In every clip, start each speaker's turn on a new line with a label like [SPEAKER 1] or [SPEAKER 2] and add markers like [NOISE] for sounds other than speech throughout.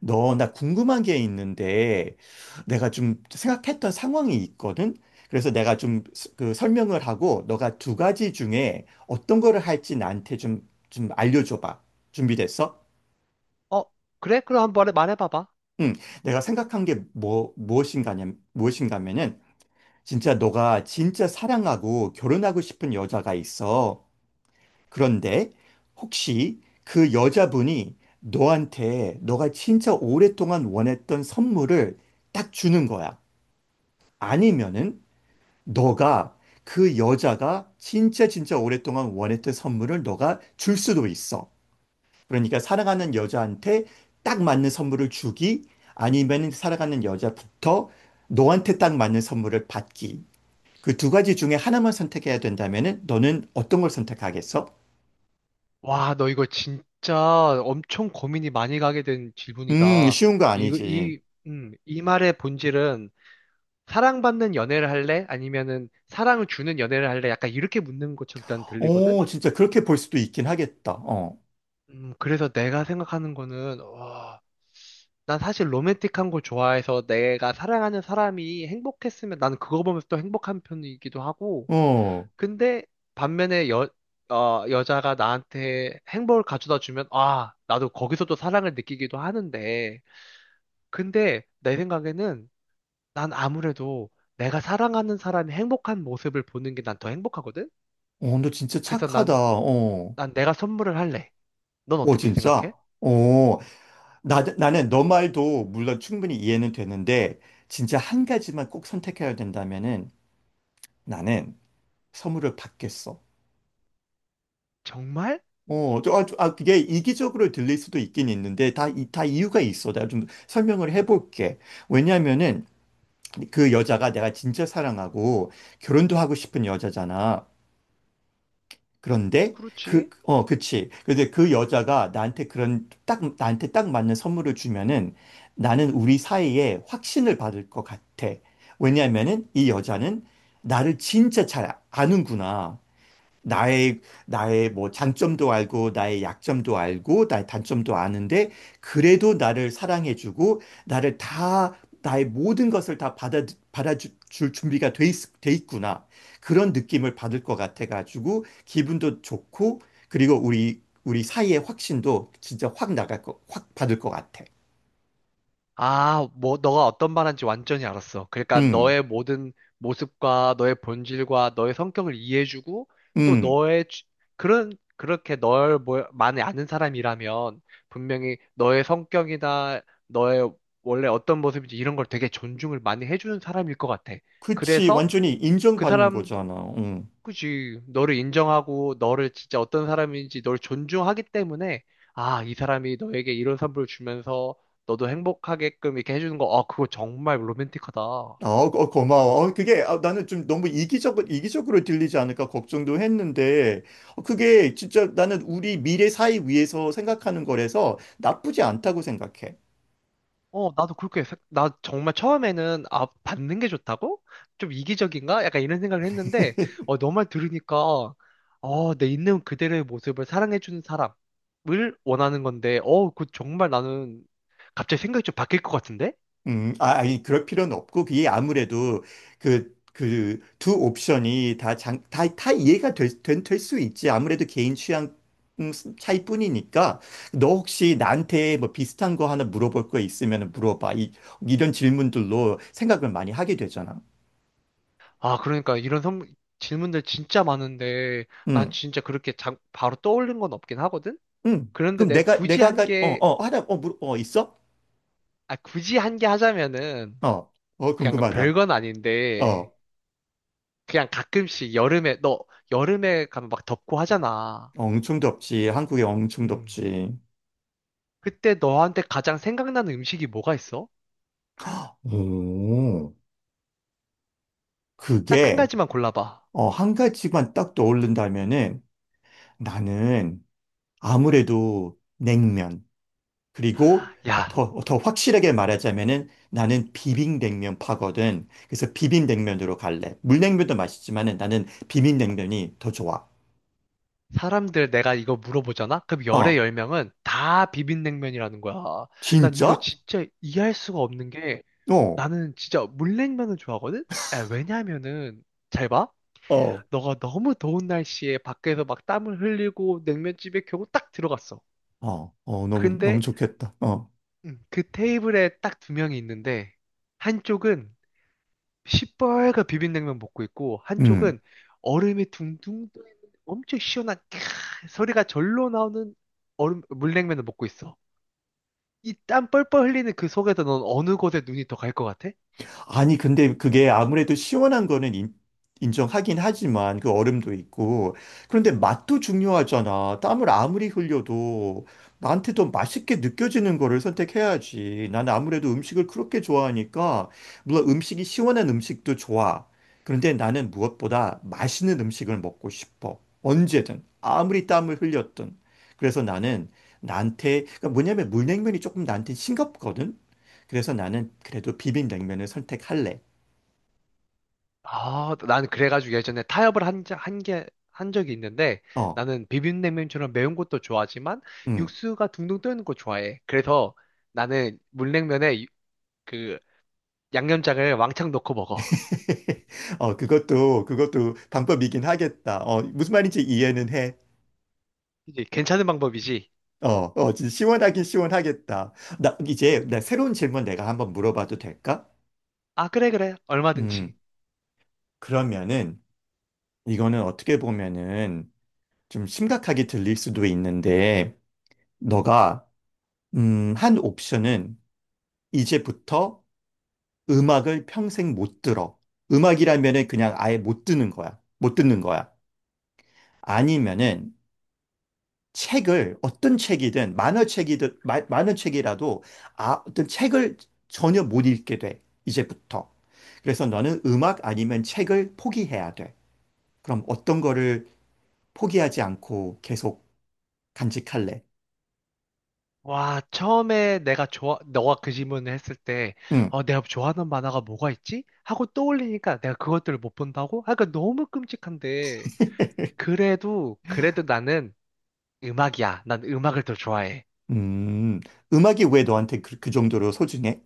[SPEAKER 1] 너, 나 궁금한 게 있는데, 내가 좀 생각했던 상황이 있거든? 그래서 내가 좀 그 설명을 하고, 너가 두 가지 중에 어떤 거를 할지 나한테 좀 알려줘봐. 준비됐어?
[SPEAKER 2] 어, 그래? 그럼 한번 말해봐봐.
[SPEAKER 1] 응. 내가 생각한 게 무엇인가면은, 진짜 너가 진짜 사랑하고 결혼하고 싶은 여자가 있어. 그런데, 혹시 그 여자분이 너한테 너가 진짜 오랫동안 원했던 선물을 딱 주는 거야. 아니면은 너가 그 여자가 진짜 진짜 오랫동안 원했던 선물을 너가 줄 수도 있어. 그러니까 사랑하는 여자한테 딱 맞는 선물을 주기, 아니면 사랑하는 여자부터 너한테 딱 맞는 선물을 받기. 그 두 가지 중에 하나만 선택해야 된다면은 너는 어떤 걸 선택하겠어?
[SPEAKER 2] 와, 너 이거 진짜 엄청 고민이 많이 가게 된 질문이다.
[SPEAKER 1] 쉬운 거
[SPEAKER 2] 이거,
[SPEAKER 1] 아니지.
[SPEAKER 2] 이, 이 말의 본질은 사랑받는 연애를 할래? 아니면은 사랑을 주는 연애를 할래? 약간 이렇게 묻는 것처럼 일단 들리거든?
[SPEAKER 1] 어, 진짜 그렇게 볼 수도 있긴 하겠다. 어,
[SPEAKER 2] 그래서 내가 생각하는 거는, 와, 난 사실 로맨틱한 걸 좋아해서 내가 사랑하는 사람이 행복했으면 나는 그거 보면서 또 행복한 편이기도 하고,
[SPEAKER 1] 어,
[SPEAKER 2] 근데 반면에 여자가 나한테 행복을 가져다 주면, 아, 나도 거기서 또 사랑을 느끼기도 하는데, 근데 내 생각에는 난 아무래도 내가 사랑하는 사람이 행복한 모습을 보는 게 난 더 행복하거든?
[SPEAKER 1] 어, 너 진짜
[SPEAKER 2] 그래서
[SPEAKER 1] 착하다. 어.
[SPEAKER 2] 난 내가 선물을 할래. 넌
[SPEAKER 1] 어,
[SPEAKER 2] 어떻게
[SPEAKER 1] 진짜.
[SPEAKER 2] 생각해?
[SPEAKER 1] 어. 나는 너 말도 물론 충분히 이해는 되는데 진짜 한 가지만 꼭 선택해야 된다면은 나는 선물을 받겠어.
[SPEAKER 2] 정말?
[SPEAKER 1] 그게 이기적으로 들릴 수도 있긴 있는데 다 이유가 있어. 내가 좀 설명을 해볼게. 왜냐면은 그 여자가 내가 진짜 사랑하고 결혼도 하고 싶은 여자잖아. 그런데
[SPEAKER 2] 그렇지.
[SPEAKER 1] 그치. 근데 그 여자가 나한테 나한테 딱 맞는 선물을 주면은 나는 우리 사이에 확신을 받을 것 같아. 왜냐면은 이 여자는 나를 진짜 잘 아는구나. 나의 뭐 장점도 알고 나의 약점도 알고 나의 단점도 아는데 그래도 나를 사랑해주고 나를 다 나의 모든 것을 다 받아줄 준비가 돼 있구나, 그런 느낌을 받을 것 같아가지고 기분도 좋고 그리고 우리 사이의 확신도 진짜 확 받을 것 같아.
[SPEAKER 2] 아, 뭐, 너가 어떤 말한지 완전히 알았어. 그러니까
[SPEAKER 1] 음,
[SPEAKER 2] 너의 모든 모습과 너의 본질과 너의 성격을 이해해주고 또
[SPEAKER 1] 음,
[SPEAKER 2] 그런 그렇게 많이 아는 사람이라면 분명히 너의 성격이나 너의 원래 어떤 모습인지 이런 걸 되게 존중을 많이 해주는 사람일 것 같아.
[SPEAKER 1] 그치,
[SPEAKER 2] 그래서
[SPEAKER 1] 완전히
[SPEAKER 2] 그
[SPEAKER 1] 인정받는
[SPEAKER 2] 사람
[SPEAKER 1] 거잖아. 음.
[SPEAKER 2] 그지. 너를 인정하고 너를 진짜 어떤 사람인지 널 존중하기 때문에 아, 이 사람이 너에게 이런 선물을 주면서 너도 행복하게끔 이렇게 해주는 거, 아, 그거 정말 로맨틱하다.
[SPEAKER 1] 아, 어, 어, 고마워. 어, 그게, 나는 좀 너무 이기적으로 들리지 않을까 걱정도 했는데 어, 그게 진짜 나는 우리 미래 사회 위해서 생각하는 거라서 나쁘지 않다고 생각해.
[SPEAKER 2] 어, 나도 나 정말 처음에는, 아, 받는 게 좋다고? 좀 이기적인가? 약간 이런 생각을 했는데, 어, 너 말 들으니까, 어, 내 있는 그대로의 모습을 사랑해주는 사람을 원하는 건데, 어, 그 정말 나는 갑자기 생각이 좀 바뀔 것 같은데?
[SPEAKER 1] 아니, 그럴 필요는 없고 그게 아무래도 그 두 옵션이 다 이해가 될 수 있지. 아무래도 개인 취향 음, 차이뿐이니까. 너 혹시 나한테 뭐 비슷한 거 하나 물어볼 거 있으면 물어봐. 이런 질문들로 생각을 많이 하게 되잖아.
[SPEAKER 2] 아, 그러니까 질문들 진짜 많은데 난
[SPEAKER 1] 음.
[SPEAKER 2] 진짜 그렇게 바로 떠올린 건 없긴 하거든?
[SPEAKER 1] 응.
[SPEAKER 2] 그런데
[SPEAKER 1] 그럼
[SPEAKER 2] 내가
[SPEAKER 1] 내가,
[SPEAKER 2] 굳이
[SPEAKER 1] 내가,
[SPEAKER 2] 한
[SPEAKER 1] 가, 어,
[SPEAKER 2] 게,
[SPEAKER 1] 어, 하나, 있어?
[SPEAKER 2] 아, 굳이 한 게 하자면은
[SPEAKER 1] 어, 어,
[SPEAKER 2] 그냥 별
[SPEAKER 1] 궁금하다.
[SPEAKER 2] 건 아닌데
[SPEAKER 1] 어,
[SPEAKER 2] 그냥 가끔씩 여름에 가면 막 덥고 하잖아.
[SPEAKER 1] 엄청 덥지. 한국에 엄청
[SPEAKER 2] 음.
[SPEAKER 1] 덥지.
[SPEAKER 2] 그때 너한테 가장 생각나는 음식이 뭐가 있어?
[SPEAKER 1] 오,
[SPEAKER 2] 딱 한
[SPEAKER 1] 그게,
[SPEAKER 2] 가지만 골라봐.
[SPEAKER 1] 한 가지만 딱 떠오른다면은 나는 아무래도 냉면. 그리고
[SPEAKER 2] 야,
[SPEAKER 1] 더 확실하게 말하자면은 나는 비빔냉면파거든. 그래서 비빔냉면으로 갈래. 물냉면도 맛있지만은 나는 비빔냉면이 더 좋아.
[SPEAKER 2] 사람들 내가 이거 물어보잖아? 그럼 열의
[SPEAKER 1] 어,
[SPEAKER 2] 열 명은 다 비빔냉면이라는 거야. 난 이거
[SPEAKER 1] 진짜?
[SPEAKER 2] 진짜 이해할 수가 없는 게
[SPEAKER 1] 어.
[SPEAKER 2] 나는 진짜 물냉면을 좋아하거든? 아, 왜냐면은, 잘 봐.
[SPEAKER 1] 어.
[SPEAKER 2] 너가 너무 더운 날씨에 밖에서 막 땀을 흘리고 냉면집에 겨우 딱 들어갔어.
[SPEAKER 1] 어, 어, 너무, 너무
[SPEAKER 2] 근데
[SPEAKER 1] 좋겠다. 어.
[SPEAKER 2] 그 테이블에 딱 두 명이 있는데, 한쪽은 시뻘건 비빔냉면 먹고 있고,
[SPEAKER 1] 음.
[SPEAKER 2] 한쪽은 얼음이 둥둥 떠 있는 엄청 시원한 캬, 소리가 절로 나오는 얼음, 물냉면을 먹고 있어. 이 땀 뻘뻘 흘리는 그 속에서 넌 어느 곳에 눈이 더 갈 것 같아?
[SPEAKER 1] 아니, 근데 그게 아무래도 시원한 거는 인정하긴 하지만 그 얼음도 있고. 그런데 맛도 중요하잖아. 땀을 아무리 흘려도 나한테 더 맛있게 느껴지는 거를 선택해야지. 난 아무래도 음식을 그렇게 좋아하니까, 물론 음식이 시원한 음식도 좋아. 그런데 나는 무엇보다 맛있는 음식을 먹고 싶어. 언제든. 아무리 땀을 흘렸든. 그래서 나는 나한테, 그러니까 뭐냐면 물냉면이 조금 나한테 싱겁거든? 그래서 나는 그래도 비빔냉면을 선택할래.
[SPEAKER 2] 아, 나는 그래가지고 예전에 한 게, 한 적이 있는데
[SPEAKER 1] 어,
[SPEAKER 2] 나는 비빔냉면처럼 매운 것도 좋아하지만
[SPEAKER 1] 음.
[SPEAKER 2] 육수가 둥둥 떠있는 거 좋아해. 그래서 나는 그 양념장을 왕창 넣고 먹어.
[SPEAKER 1] [LAUGHS] 어, 그것도 방법이긴 하겠다. 어, 무슨 말인지 이해는 해.
[SPEAKER 2] 이게 괜찮은 방법이지.
[SPEAKER 1] 어, 어, 진짜 시원하긴 시원하겠다. 이제, 나
[SPEAKER 2] 음.
[SPEAKER 1] 새로운 질문 내가 한번 물어봐도 될까?
[SPEAKER 2] 아, 그래, 그래.
[SPEAKER 1] 음,
[SPEAKER 2] 얼마든지.
[SPEAKER 1] 그러면은, 이거는 어떻게 보면은 좀 심각하게 들릴 수도 있는데, 너가, 한 옵션은 이제부터 음악을 평생 못 들어. 음악이라면은 그냥 아예 못 듣는 거야. 못 듣는 거야. 아니면은 책을 어떤 책이든 만화책이든 만화책이라도 어떤 책을 전혀 못 읽게 돼. 이제부터. 그래서 너는 음악 아니면 책을 포기해야 돼. 그럼 어떤 거를 포기하지 않고 계속 간직할래?
[SPEAKER 2] 와, 너가 그 질문을 했을 때,
[SPEAKER 1] 응.
[SPEAKER 2] 어, 내가 좋아하는 만화가 뭐가 있지? 하고 떠올리니까 내가 그것들을 못 본다고? 아, 그러니까 너무 끔찍한데. 그래도, 그래도 나는 음악이야. 난 음악을 더 좋아해.
[SPEAKER 1] 음. 음악이 왜 너한테 그 정도로 소중해?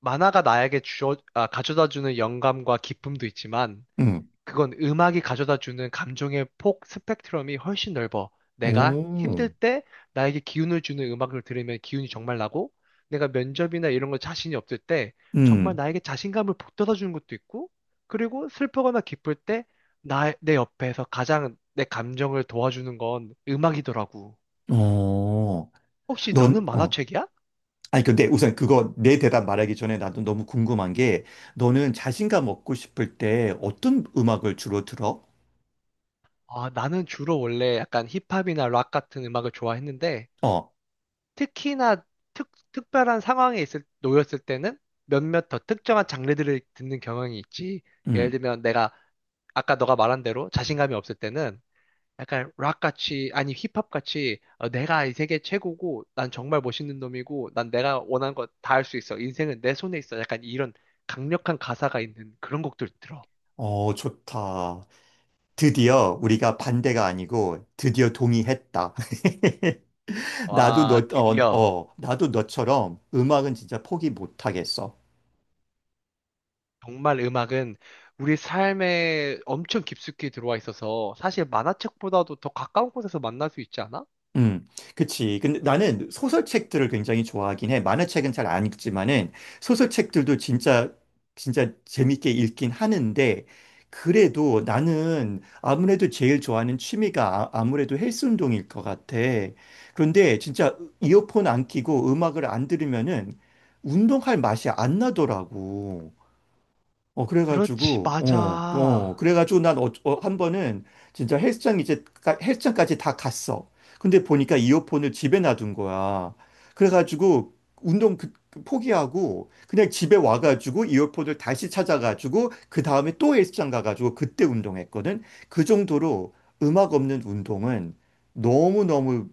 [SPEAKER 2] 아, 가져다주는 영감과 기쁨도 있지만,
[SPEAKER 1] 응.
[SPEAKER 2] 그건 음악이 가져다주는 감정의 폭, 스펙트럼이 훨씬 넓어. 내가 힘들
[SPEAKER 1] 오.
[SPEAKER 2] 때 나에게 기운을 주는 음악을 들으면 기운이 정말 나고, 내가 면접이나 이런 거 자신이 없을 때 정말
[SPEAKER 1] 음.
[SPEAKER 2] 나에게 자신감을 북돋아주는 것도 있고, 그리고 슬프거나 기쁠 때 내 옆에서 가장 내 감정을 도와주는 건 음악이더라고.
[SPEAKER 1] 어.
[SPEAKER 2] 혹시 너는
[SPEAKER 1] 넌, 어,
[SPEAKER 2] 만화책이야?
[SPEAKER 1] 아니, 근데 우선 그거 내 대답 말하기 전에 나도 너무 궁금한 게, 너는 자신감 얻고 싶을 때 어떤 음악을 주로 들어?
[SPEAKER 2] 아, 나는 주로 원래 약간 힙합이나 락 같은 음악을 좋아했는데,
[SPEAKER 1] 어.
[SPEAKER 2] 특히나 특별한 상황에 놓였을 때는 몇몇 더 특정한 장르들을 듣는 경향이 있지. 예를
[SPEAKER 1] 음.
[SPEAKER 2] 들면 내가 아까 너가 말한 대로 자신감이 없을 때는 약간 락같이, 아니 힙합같이 어, 내가 이 세계 최고고, 난 정말 멋있는 놈이고, 난 내가 원하는 거 다 할 수 있어. 인생은 내 손에 있어. 약간 이런 강력한 가사가 있는 그런 곡들 들어.
[SPEAKER 1] 어, 좋다. 드디어 우리가 반대가 아니고 드디어 동의했다. [LAUGHS] 나도
[SPEAKER 2] 와,
[SPEAKER 1] 너, 어,
[SPEAKER 2] 드디어.
[SPEAKER 1] 어, 나도 너처럼 음악은 진짜 포기 못하겠어.
[SPEAKER 2] 정말 음악은 우리 삶에 엄청 깊숙이 들어와 있어서 사실 만화책보다도 더 가까운 곳에서 만날 수 있지 않아?
[SPEAKER 1] 음, 그치. 근데 나는 소설책들을 굉장히 좋아하긴 해. 만화책은 잘 안 읽지만은 소설책들도 진짜, 진짜 재밌게 읽긴 하는데, 그래도 나는 아무래도 제일 좋아하는 취미가 아무래도 헬스 운동일 것 같아. 그런데 진짜 이어폰 안 끼고 음악을 안 들으면은 운동할 맛이 안 나더라고.
[SPEAKER 2] 그렇지, 맞아.
[SPEAKER 1] 그래가지고 난 한 번은 진짜 헬스장 이제, 헬스장까지 다 갔어. 근데 보니까 이어폰을 집에 놔둔 거야. 그래가지고 운동 그 포기하고 그냥 집에 와가지고 이어폰을 다시 찾아가지고 그 다음에 또 헬스장 가가지고 그때 운동했거든. 그 정도로 음악 없는 운동은 너무너무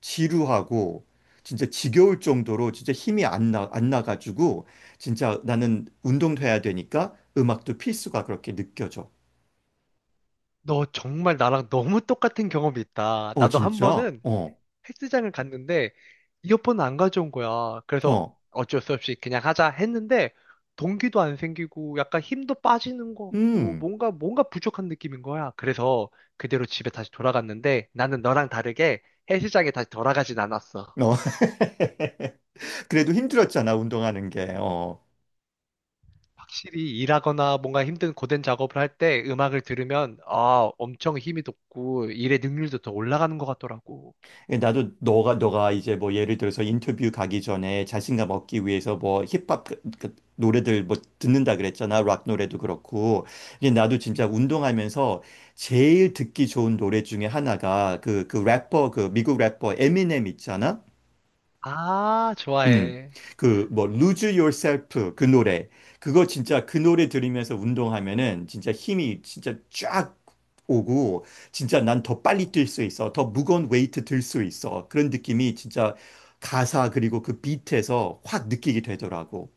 [SPEAKER 1] 지루하고 진짜 지겨울 정도로 진짜 힘이 안 나가지고 진짜 나는 운동도 해야 되니까 음악도 필수가 그렇게 느껴져.
[SPEAKER 2] 너 정말 나랑 너무 똑같은 경험이 있다.
[SPEAKER 1] 어,
[SPEAKER 2] 나도 한
[SPEAKER 1] 진짜?
[SPEAKER 2] 번은
[SPEAKER 1] 어,
[SPEAKER 2] 헬스장을 갔는데 이어폰을 안 가져온 거야. 그래서
[SPEAKER 1] 어,
[SPEAKER 2] 어쩔 수 없이 그냥 하자 했는데 동기도 안 생기고 약간 힘도 빠지는 것 같고
[SPEAKER 1] 음.
[SPEAKER 2] 뭔가 부족한 느낌인 거야. 그래서 그대로 집에 다시 돌아갔는데 나는 너랑 다르게 헬스장에 다시 돌아가진 않았어.
[SPEAKER 1] 어. [LAUGHS] 그래도 힘들었잖아, 운동하는 게. 어.
[SPEAKER 2] 확실히 일하거나 뭔가 힘든 고된 작업을 할 때 음악을 들으면 아, 엄청 힘이 돋고 일의 능률도 더 올라가는 것 같더라고.
[SPEAKER 1] 예, 나도 너가 이제 뭐 예를 들어서 인터뷰 가기 전에 자신감 얻기 위해서 뭐 힙합 그 노래들 뭐 듣는다 그랬잖아. 락 노래도 그렇고. 이데 나도 진짜
[SPEAKER 2] 음.
[SPEAKER 1] 운동하면서 제일 듣기 좋은 노래 중에 하나가 그 래퍼 그 미국 래퍼 에미넴 있잖아.
[SPEAKER 2] 아,
[SPEAKER 1] 음,
[SPEAKER 2] 좋아해.
[SPEAKER 1] 그, 뭐, Lose Yourself 그 노래. 그거 진짜 그 노래 들으면서 운동하면은 진짜 힘이 진짜 쫙 오고, 진짜 난 더 빨리 뛸 수 있어. 더 무거운 웨이트 들 수 있어. 그런 느낌이 진짜 가사 그리고 그 비트에서 확 느끼게 되더라고.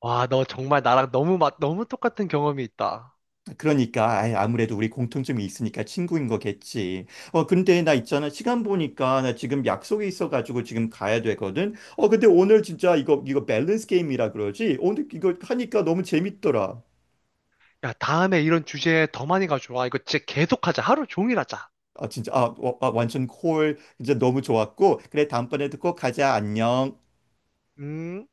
[SPEAKER 2] 와, 너 정말 너무 똑같은 경험이 있다.
[SPEAKER 1] 그러니까 아무래도 우리 공통점이 있으니까 친구인 거겠지. 어, 근데 나 있잖아, 시간 보니까 나 지금 약속이 있어가지고 지금 가야 되거든. 어, 근데 오늘 진짜 이거 밸런스 게임이라 그러지. 오늘 이거 하니까 너무 재밌더라.
[SPEAKER 2] 야, 다음에 이런 주제 더 많이 가져와. 이거 진짜 계속하자. 하루 종일 하자.
[SPEAKER 1] 진짜 완전 콜. 진짜 너무 좋았고, 그래, 다음번에도 꼭 가자. 안녕.
[SPEAKER 2] 음.